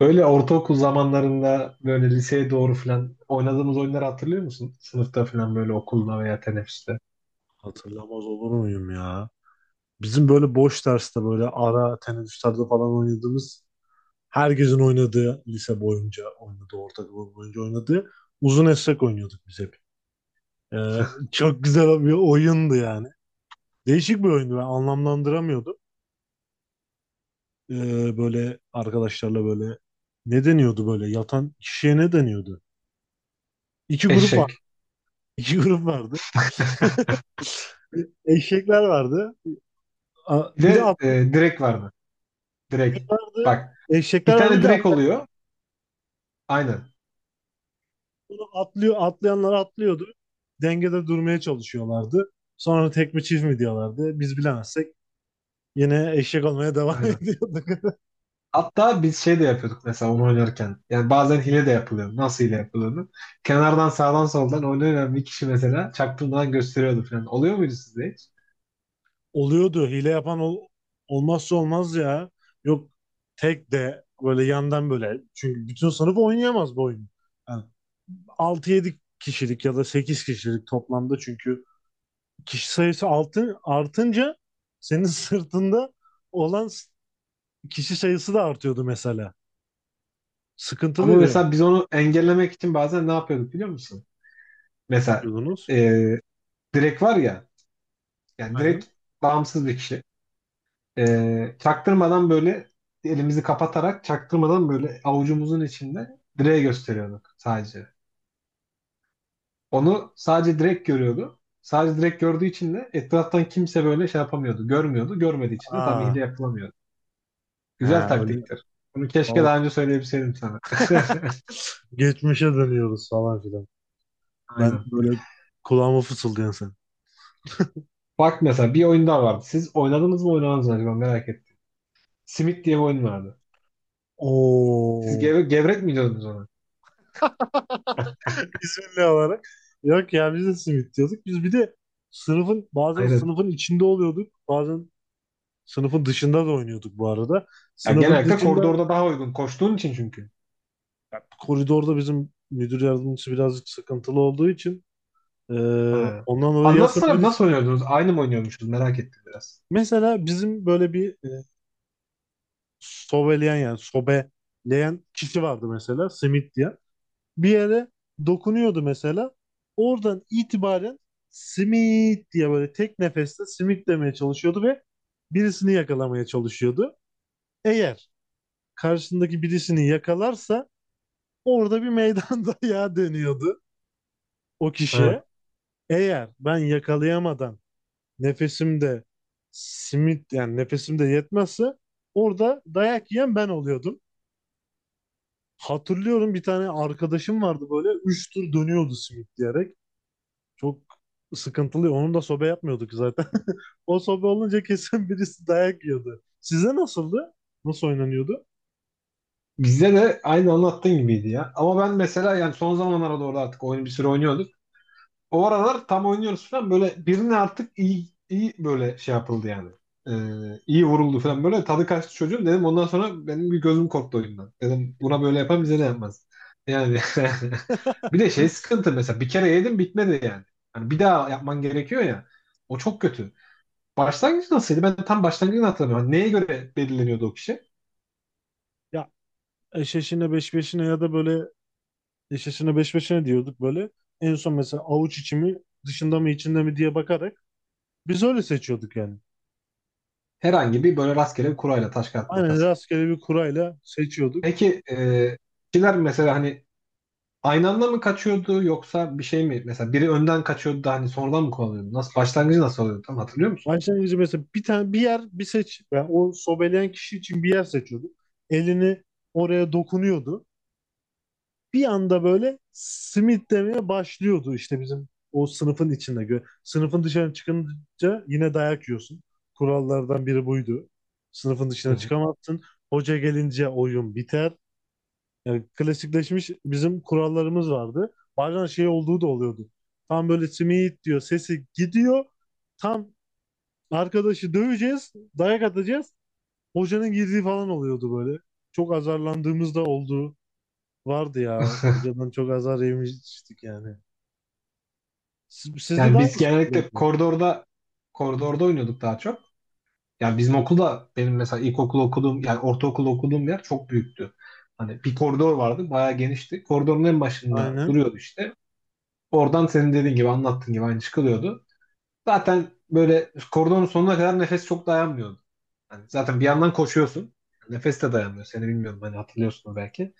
Böyle ortaokul zamanlarında böyle liseye doğru falan oynadığımız oyunları hatırlıyor musun? Sınıfta falan böyle okulda veya teneffüste. Hatırlamaz olur muyum ya? Bizim böyle boş derste böyle ara teneffüslerde falan oynadığımız herkesin oynadığı lise boyunca oynadığı ortaokul boyunca oynadığı uzun esrek oynuyorduk biz hep. Ee, Çok güzel bir oyundu yani. Değişik bir oyundu, ben anlamlandıramıyordum. Böyle arkadaşlarla böyle ne deniyordu, böyle yatan kişiye ne deniyordu? İki grup var. Eşek. İki grup vardı. Eşekler vardı. Bir Bir de de atlı direk vardı. Direk. vardı. Bak bir Eşekler vardı, tane bir de direk atlı. oluyor. Aynen. Bunu atlıyor, atlayanlar atlıyordu. Dengede durmaya çalışıyorlardı. Sonra tek mi çift mi diyorlardı. Biz bilemezsek yine eşek olmaya devam Aynen. ediyorduk. Hatta biz şey de yapıyorduk mesela onu oynarken. Yani bazen hile de yapılıyor. Nasıl hile yapıldığını. Kenardan sağdan soldan oynayan bir kişi mesela çaktırmadan gösteriyordu falan. Oluyor muydu sizde hiç? Oluyordu. Hile yapan olmazsa olmaz ya. Yok, tek de böyle yandan böyle. Çünkü bütün sınıf oynayamaz bu oyunu. Yani 6-7 kişilik ya da 8 kişilik toplamda, çünkü kişi sayısı artınca senin sırtında olan kişi sayısı da artıyordu mesela. Ama Sıkıntılıydı. mesela biz onu engellemek için bazen ne yapıyorduk biliyor musun? Ne Mesela yapıyordunuz? e, direk var ya. Yani direkt Aynen. bağımsız bir kişi. Çaktırmadan böyle elimizi kapatarak çaktırmadan böyle avucumuzun içinde direğe gösteriyorduk sadece. Onu sadece direkt görüyordu. Sadece direkt gördüğü için de etraftan kimse böyle şey yapamıyordu. Görmüyordu. Görmediği için de tam Aa, hile yapılamıyordu. Güzel ha, öyle, taktiktir. Bunu keşke o- daha önce söyleyebilseydim sana. geçmişe dönüyoruz falan filan. Ben Aynen. böyle kulağıma fısıldayan sen. Bak mesela bir oyun daha vardı. Siz oynadınız mı acaba merak ettim. Simit diye bir oyun vardı. Siz Oo. Gevrek mi diyordunuz ona? İzmirli olarak. Yok ya, biz de simit diyorduk. Biz bir de sınıfın, bazen Hayır. sınıfın içinde oluyorduk. Bazen sınıfın dışında da oynuyorduk bu arada. Ya Sınıfın genellikle dışında, koridorda daha uygun koştuğun için çünkü. ya, koridorda bizim müdür yardımcısı birazcık sıkıntılı olduğu için, e, Ha. ondan dolayı ya Anlatsana sınıfın nasıl için. oynuyordunuz? Aynı mı oynuyormuşuz? Merak ettim biraz. Mesela bizim böyle bir sobeleyen, yani sobeleyen kişi vardı mesela, simit diye. Bir yere dokunuyordu mesela. Oradan itibaren simit diye böyle tek nefeste simit demeye çalışıyordu ve birisini yakalamaya çalışıyordu. Eğer karşısındaki birisini yakalarsa, orada bir meydan dayağı dönüyordu o Evet. kişiye. Eğer ben yakalayamadan nefesimde simit, yani nefesimde yetmezse, orada dayak yiyen ben oluyordum. Hatırlıyorum, bir tane arkadaşım vardı, böyle 3 tur dönüyordu simit diyerek. Çok sıkıntılı. Onun da sobe yapmıyorduk zaten. O sobe olunca kesin birisi dayak yiyordu. Size nasıldı? Nasıl oynanıyordu? Bizde de aynı anlattığın gibiydi ya. Ama ben mesela yani son zamanlara doğru artık oyunu bir süre oynuyordum. O aralar tam oynuyoruz falan böyle birine artık iyi iyi böyle şey yapıldı yani. Ee, iyi vuruldu falan böyle tadı kaçtı çocuğum dedim ondan sonra benim bir gözüm korktu oyundan. Dedim buna böyle yapan bize de yapmaz. Yani bir de şey sıkıntı mesela bir kere yedim bitmedi yani. Hani bir daha yapman gerekiyor ya. O çok kötü. Başlangıç nasılydı? Ben tam başlangıcını hatırlamıyorum. Neye göre belirleniyordu o kişi? Ya, eşeşine beş beşine, ya da böyle eşeşine beş beşine diyorduk böyle. En son mesela avuç içi mi, dışında mı, içinde mi diye bakarak biz öyle seçiyorduk yani. Herhangi bir böyle rastgele bir kurayla taş kağıt Aynen, makas gibi. rastgele bir kurayla seçiyorduk. Peki kişiler mesela hani aynı anda mı kaçıyordu yoksa bir şey mi? Mesela biri önden kaçıyordu da hani sonradan mı kovalıyordu? Nasıl başlangıcı nasıl oluyordu? Tam hatırlıyor musun? Başlangıcı mesela bir tane bir yer bir seç. Yani o sobeleyen kişi için bir yer seçiyordu. Elini oraya dokunuyordu. Bir anda böyle simit demeye başlıyordu işte, bizim o sınıfın içinde. Sınıfın dışına çıkınca yine dayak yiyorsun. Kurallardan biri buydu. Sınıfın Hı dışına hı. çıkamazsın. Hoca gelince oyun biter. Yani klasikleşmiş bizim kurallarımız vardı. Bazen şey olduğu da oluyordu. Tam böyle simit diyor, sesi gidiyor. Tam arkadaşı döveceğiz, dayak atacağız, hocanın girdiği falan oluyordu böyle. Çok azarlandığımız da oldu. Vardı ya. Hocadan çok azar yemiştik yani. Sizde de Yani biz aynı genellikle şekilde. koridorda oynuyorduk daha çok. Yani bizim okulda benim mesela ilkokul okuduğum yani ortaokul okuduğum yer çok büyüktü. Hani bir koridor vardı bayağı genişti. Koridorun en başında Aynen. duruyordu işte. Oradan senin dediğin gibi anlattığın gibi aynı çıkılıyordu. Zaten böyle koridorun sonuna kadar nefes çok dayanmıyordu. Hani zaten bir yandan koşuyorsun. Nefes de dayanmıyor. Seni bilmiyorum hani hatırlıyorsun belki.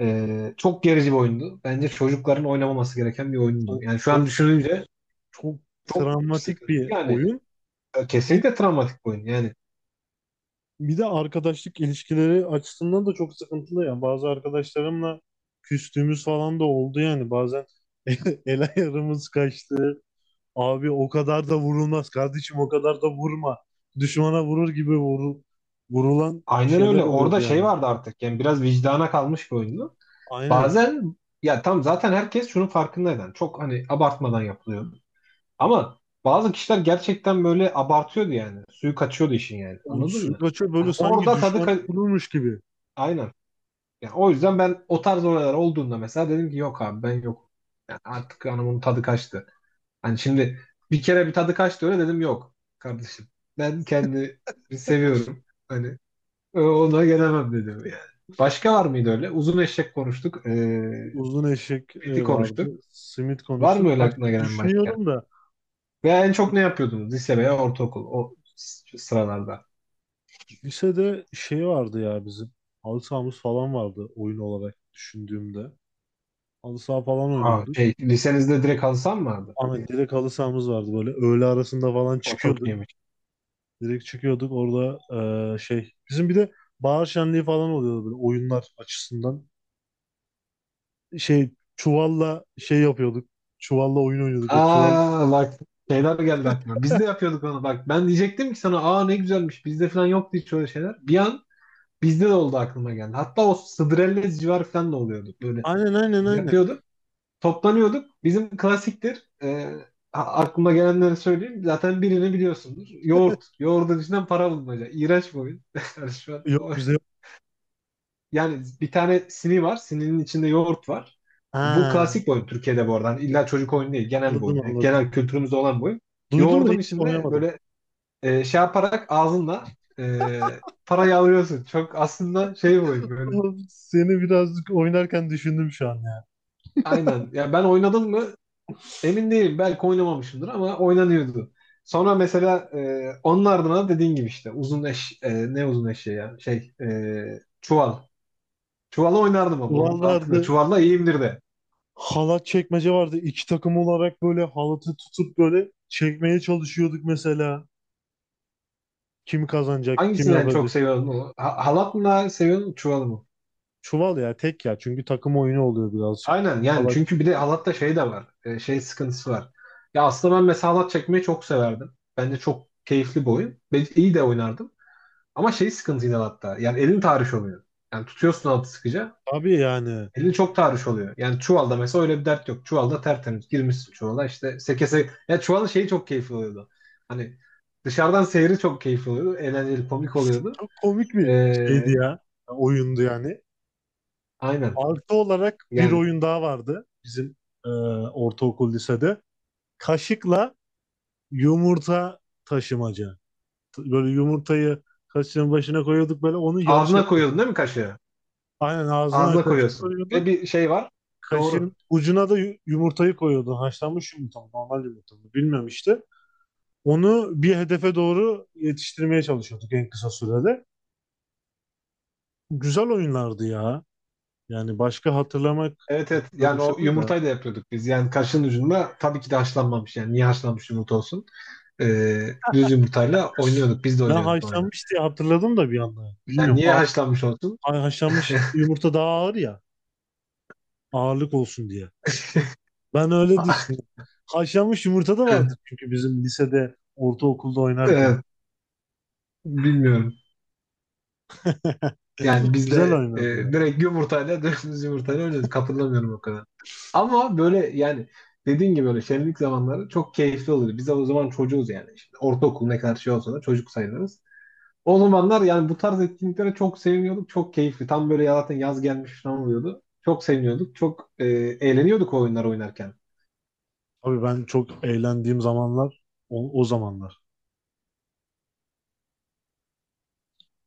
Çok gerici bir oyundu. Bence çocukların oynamaması gereken bir oyundu. Çok, Yani şu an çok sık, düşününce çok çok travmatik sıkıntı. bir Yani oyun. Bir, kesinlikle travmatik bir oyun. Yani bir de arkadaşlık ilişkileri açısından da çok sıkıntılı yani. Bazı arkadaşlarımla küstüğümüz falan da oldu yani. Bazen el ayarımız kaçtı. Abi o kadar da vurulmaz, kardeşim o kadar da vurma. Düşmana vurur gibi vurulan aynen şeyler öyle. Orada oluyordu yani. şey vardı artık. Yani biraz vicdana kalmış bir oyundu. Aynen. Bazen ya tam zaten herkes şunun farkındaydı. Yani çok hani abartmadan yapılıyor. Ama bazı kişiler gerçekten böyle abartıyordu yani. Suyu kaçıyordu işin yani. O Anladın mı? Suygaç'a Hani böyle sanki orada düşman vurulmuş gibi. aynen. Yani o yüzden ben o tarz olaylar olduğunda mesela dedim ki yok abi ben yok. Yani artık hanımın tadı kaçtı. Hani şimdi bir kere bir tadı kaçtı öyle dedim yok kardeşim. Ben kendimi seviyorum. Hani ona gelemem dedim yani. Başka var mıydı öyle? Uzun eşek konuştuk. Uzun eşek Meti vardı. konuştuk. Simit Var mı konuştuk. öyle aklına Başka gelen başka? düşünüyorum da, Ve en çok ne yapıyordunuz? Lise veya ortaokul o sıralarda. lisede şey vardı ya bizim. Halı sahamız falan vardı, oyun olarak düşündüğümde. Halı saha falan Aa, oynuyorduk. şey, lisenizde direkt halı saha mı vardı? Ama direkt halı sahamız vardı böyle. Öğle arasında falan O çok çıkıyorduk. iyiymiş. Direkt çıkıyorduk orada, şey. Bizim bir de bahar şenliği falan oluyordu böyle, oyunlar açısından. Şey, çuvalla şey yapıyorduk. Çuvalla oyun oynuyorduk. O çuval. Aa bak şeyler geldi aklıma. Biz de yapıyorduk onu bak. Ben diyecektim ki sana aa ne güzelmiş. Bizde falan yoktu hiç öyle şeyler. Bir an bizde de oldu aklıma geldi. Hatta o Sıdrellez civarı falan da oluyordu. Böyle Aynen, aynen, aynen. yapıyorduk. Toplanıyorduk. Bizim klasiktir. Aklıma gelenleri söyleyeyim. Zaten birini biliyorsundur. Yoğurt. Yoğurdun içinden para bulmaca. İğrenç bir oyun. Yani şu an o. Yok, bizde yok. Yani bir tane sini var. Sininin içinde yoğurt var. Bu Ha, klasik bir oyun Türkiye'de bu arada. Hani İlla çocuk oyunu değil. Genel bir anladım, oyun. Yani anladım. genel kültürümüzde olan bir oyun. Duydum da Yoğurdun hiç içinde oynamadım. böyle şey yaparak ağzınla e, parayı alıyorsun. Çok aslında şey bir oyun böyle. Oğlum, seni birazcık oynarken düşündüm şu an ya. Aynen. Ya ben oynadım mı emin değilim. Belki oynamamışımdır ama oynanıyordu. Sonra mesela onun ardına dediğin gibi işte uzun eşeği ya çuval. Çuvalı oynardım ama Çuval onun artık vardı. çuvalla iyiyimdir de. Halat çekmece vardı. İki takım olarak böyle halatı tutup böyle çekmeye çalışıyorduk mesela. Kim kazanacak, kim Hangisini en çok yapacak. seviyorsun? Halat mı daha seviyorsun, çuval mı? Çuval ya, tek ya. Çünkü takım oyunu oluyor birazcık. Aynen yani Allah çünkü bir de çekip. halatta şey de var. Şey sıkıntısı var. Ya aslında ben mesela halat çekmeyi çok severdim. Bence çok keyifli bir oyun. Ben iyi de oynardım. Ama şey sıkıntı yine halatta. Yani elin tahriş oluyor. Yani tutuyorsun halatı sıkıca. Tabii yani. Elin çok tahriş oluyor. Yani çuvalda mesela öyle bir dert yok. Çuvalda tertemiz girmişsin çuvala işte seke seke. Ya çuvalın şeyi çok keyifli oluyordu. Hani dışarıdan seyri çok keyifli oluyordu. Eğlenceli, komik oluyordu. Çok komik bir şeydi Ee, ya. Oyundu yani. aynen. Artı olarak bir Yani oyun daha vardı bizim, ortaokul lisede. Kaşıkla yumurta taşımaca. Böyle yumurtayı kaşığın başına koyuyorduk, böyle onu yarış ağzına yapıyorduk. koyuyordun değil mi kaşığı? Aynen, ağzına Ağzına kaşık koyuyorsun. Ve koyuyordun. bir şey var. Doğru. Kaşığın ucuna da yumurtayı koyuyordun. Haşlanmış yumurta mı, normal yumurta mı, bilmem işte. Onu bir hedefe doğru yetiştirmeye çalışıyorduk en kısa sürede. Güzel oyunlardı ya. Yani başka hatırlamak Evet evet. istiyorum Yani o şu anda. yumurtayı da yapıyorduk biz. Yani kaşığın ucunda tabii ki de haşlanmamış. Yani niye haşlanmış yumurta olsun? Düz yumurtayla oynuyorduk. Biz de Ben oynuyorduk oyunu. haşlanmış diye hatırladım da bir anda. Yani Bilmiyorum. niye haşlanmış olsun? Haşlanmış yumurta daha ağır ya. Ağırlık olsun diye. Ben öyle düşündüm. Haşlanmış yumurta da Evet, vardı çünkü bizim lisede, ortaokulda oynarken. evet. Bilmiyorum. Yani biz Güzel de oynardı ya. direkt yumurtayla düz yumurtayla oynuyorduk. Hatırlamıyorum o kadar. Ama böyle yani dediğin gibi böyle şenlik zamanları çok keyifli oluyor. Biz de o zaman çocuğuz yani. Şimdi ortaokul ne kadar şey olsa da çocuk sayılırız. O zamanlar yani bu tarz etkinliklere çok seviniyorduk. Çok keyifli. Tam böyle ya zaten yaz gelmiş falan oluyordu. Çok seviniyorduk. Çok eğleniyorduk o oyunlar oynarken. Tabii ben çok eğlendiğim zamanlar o zamanlar.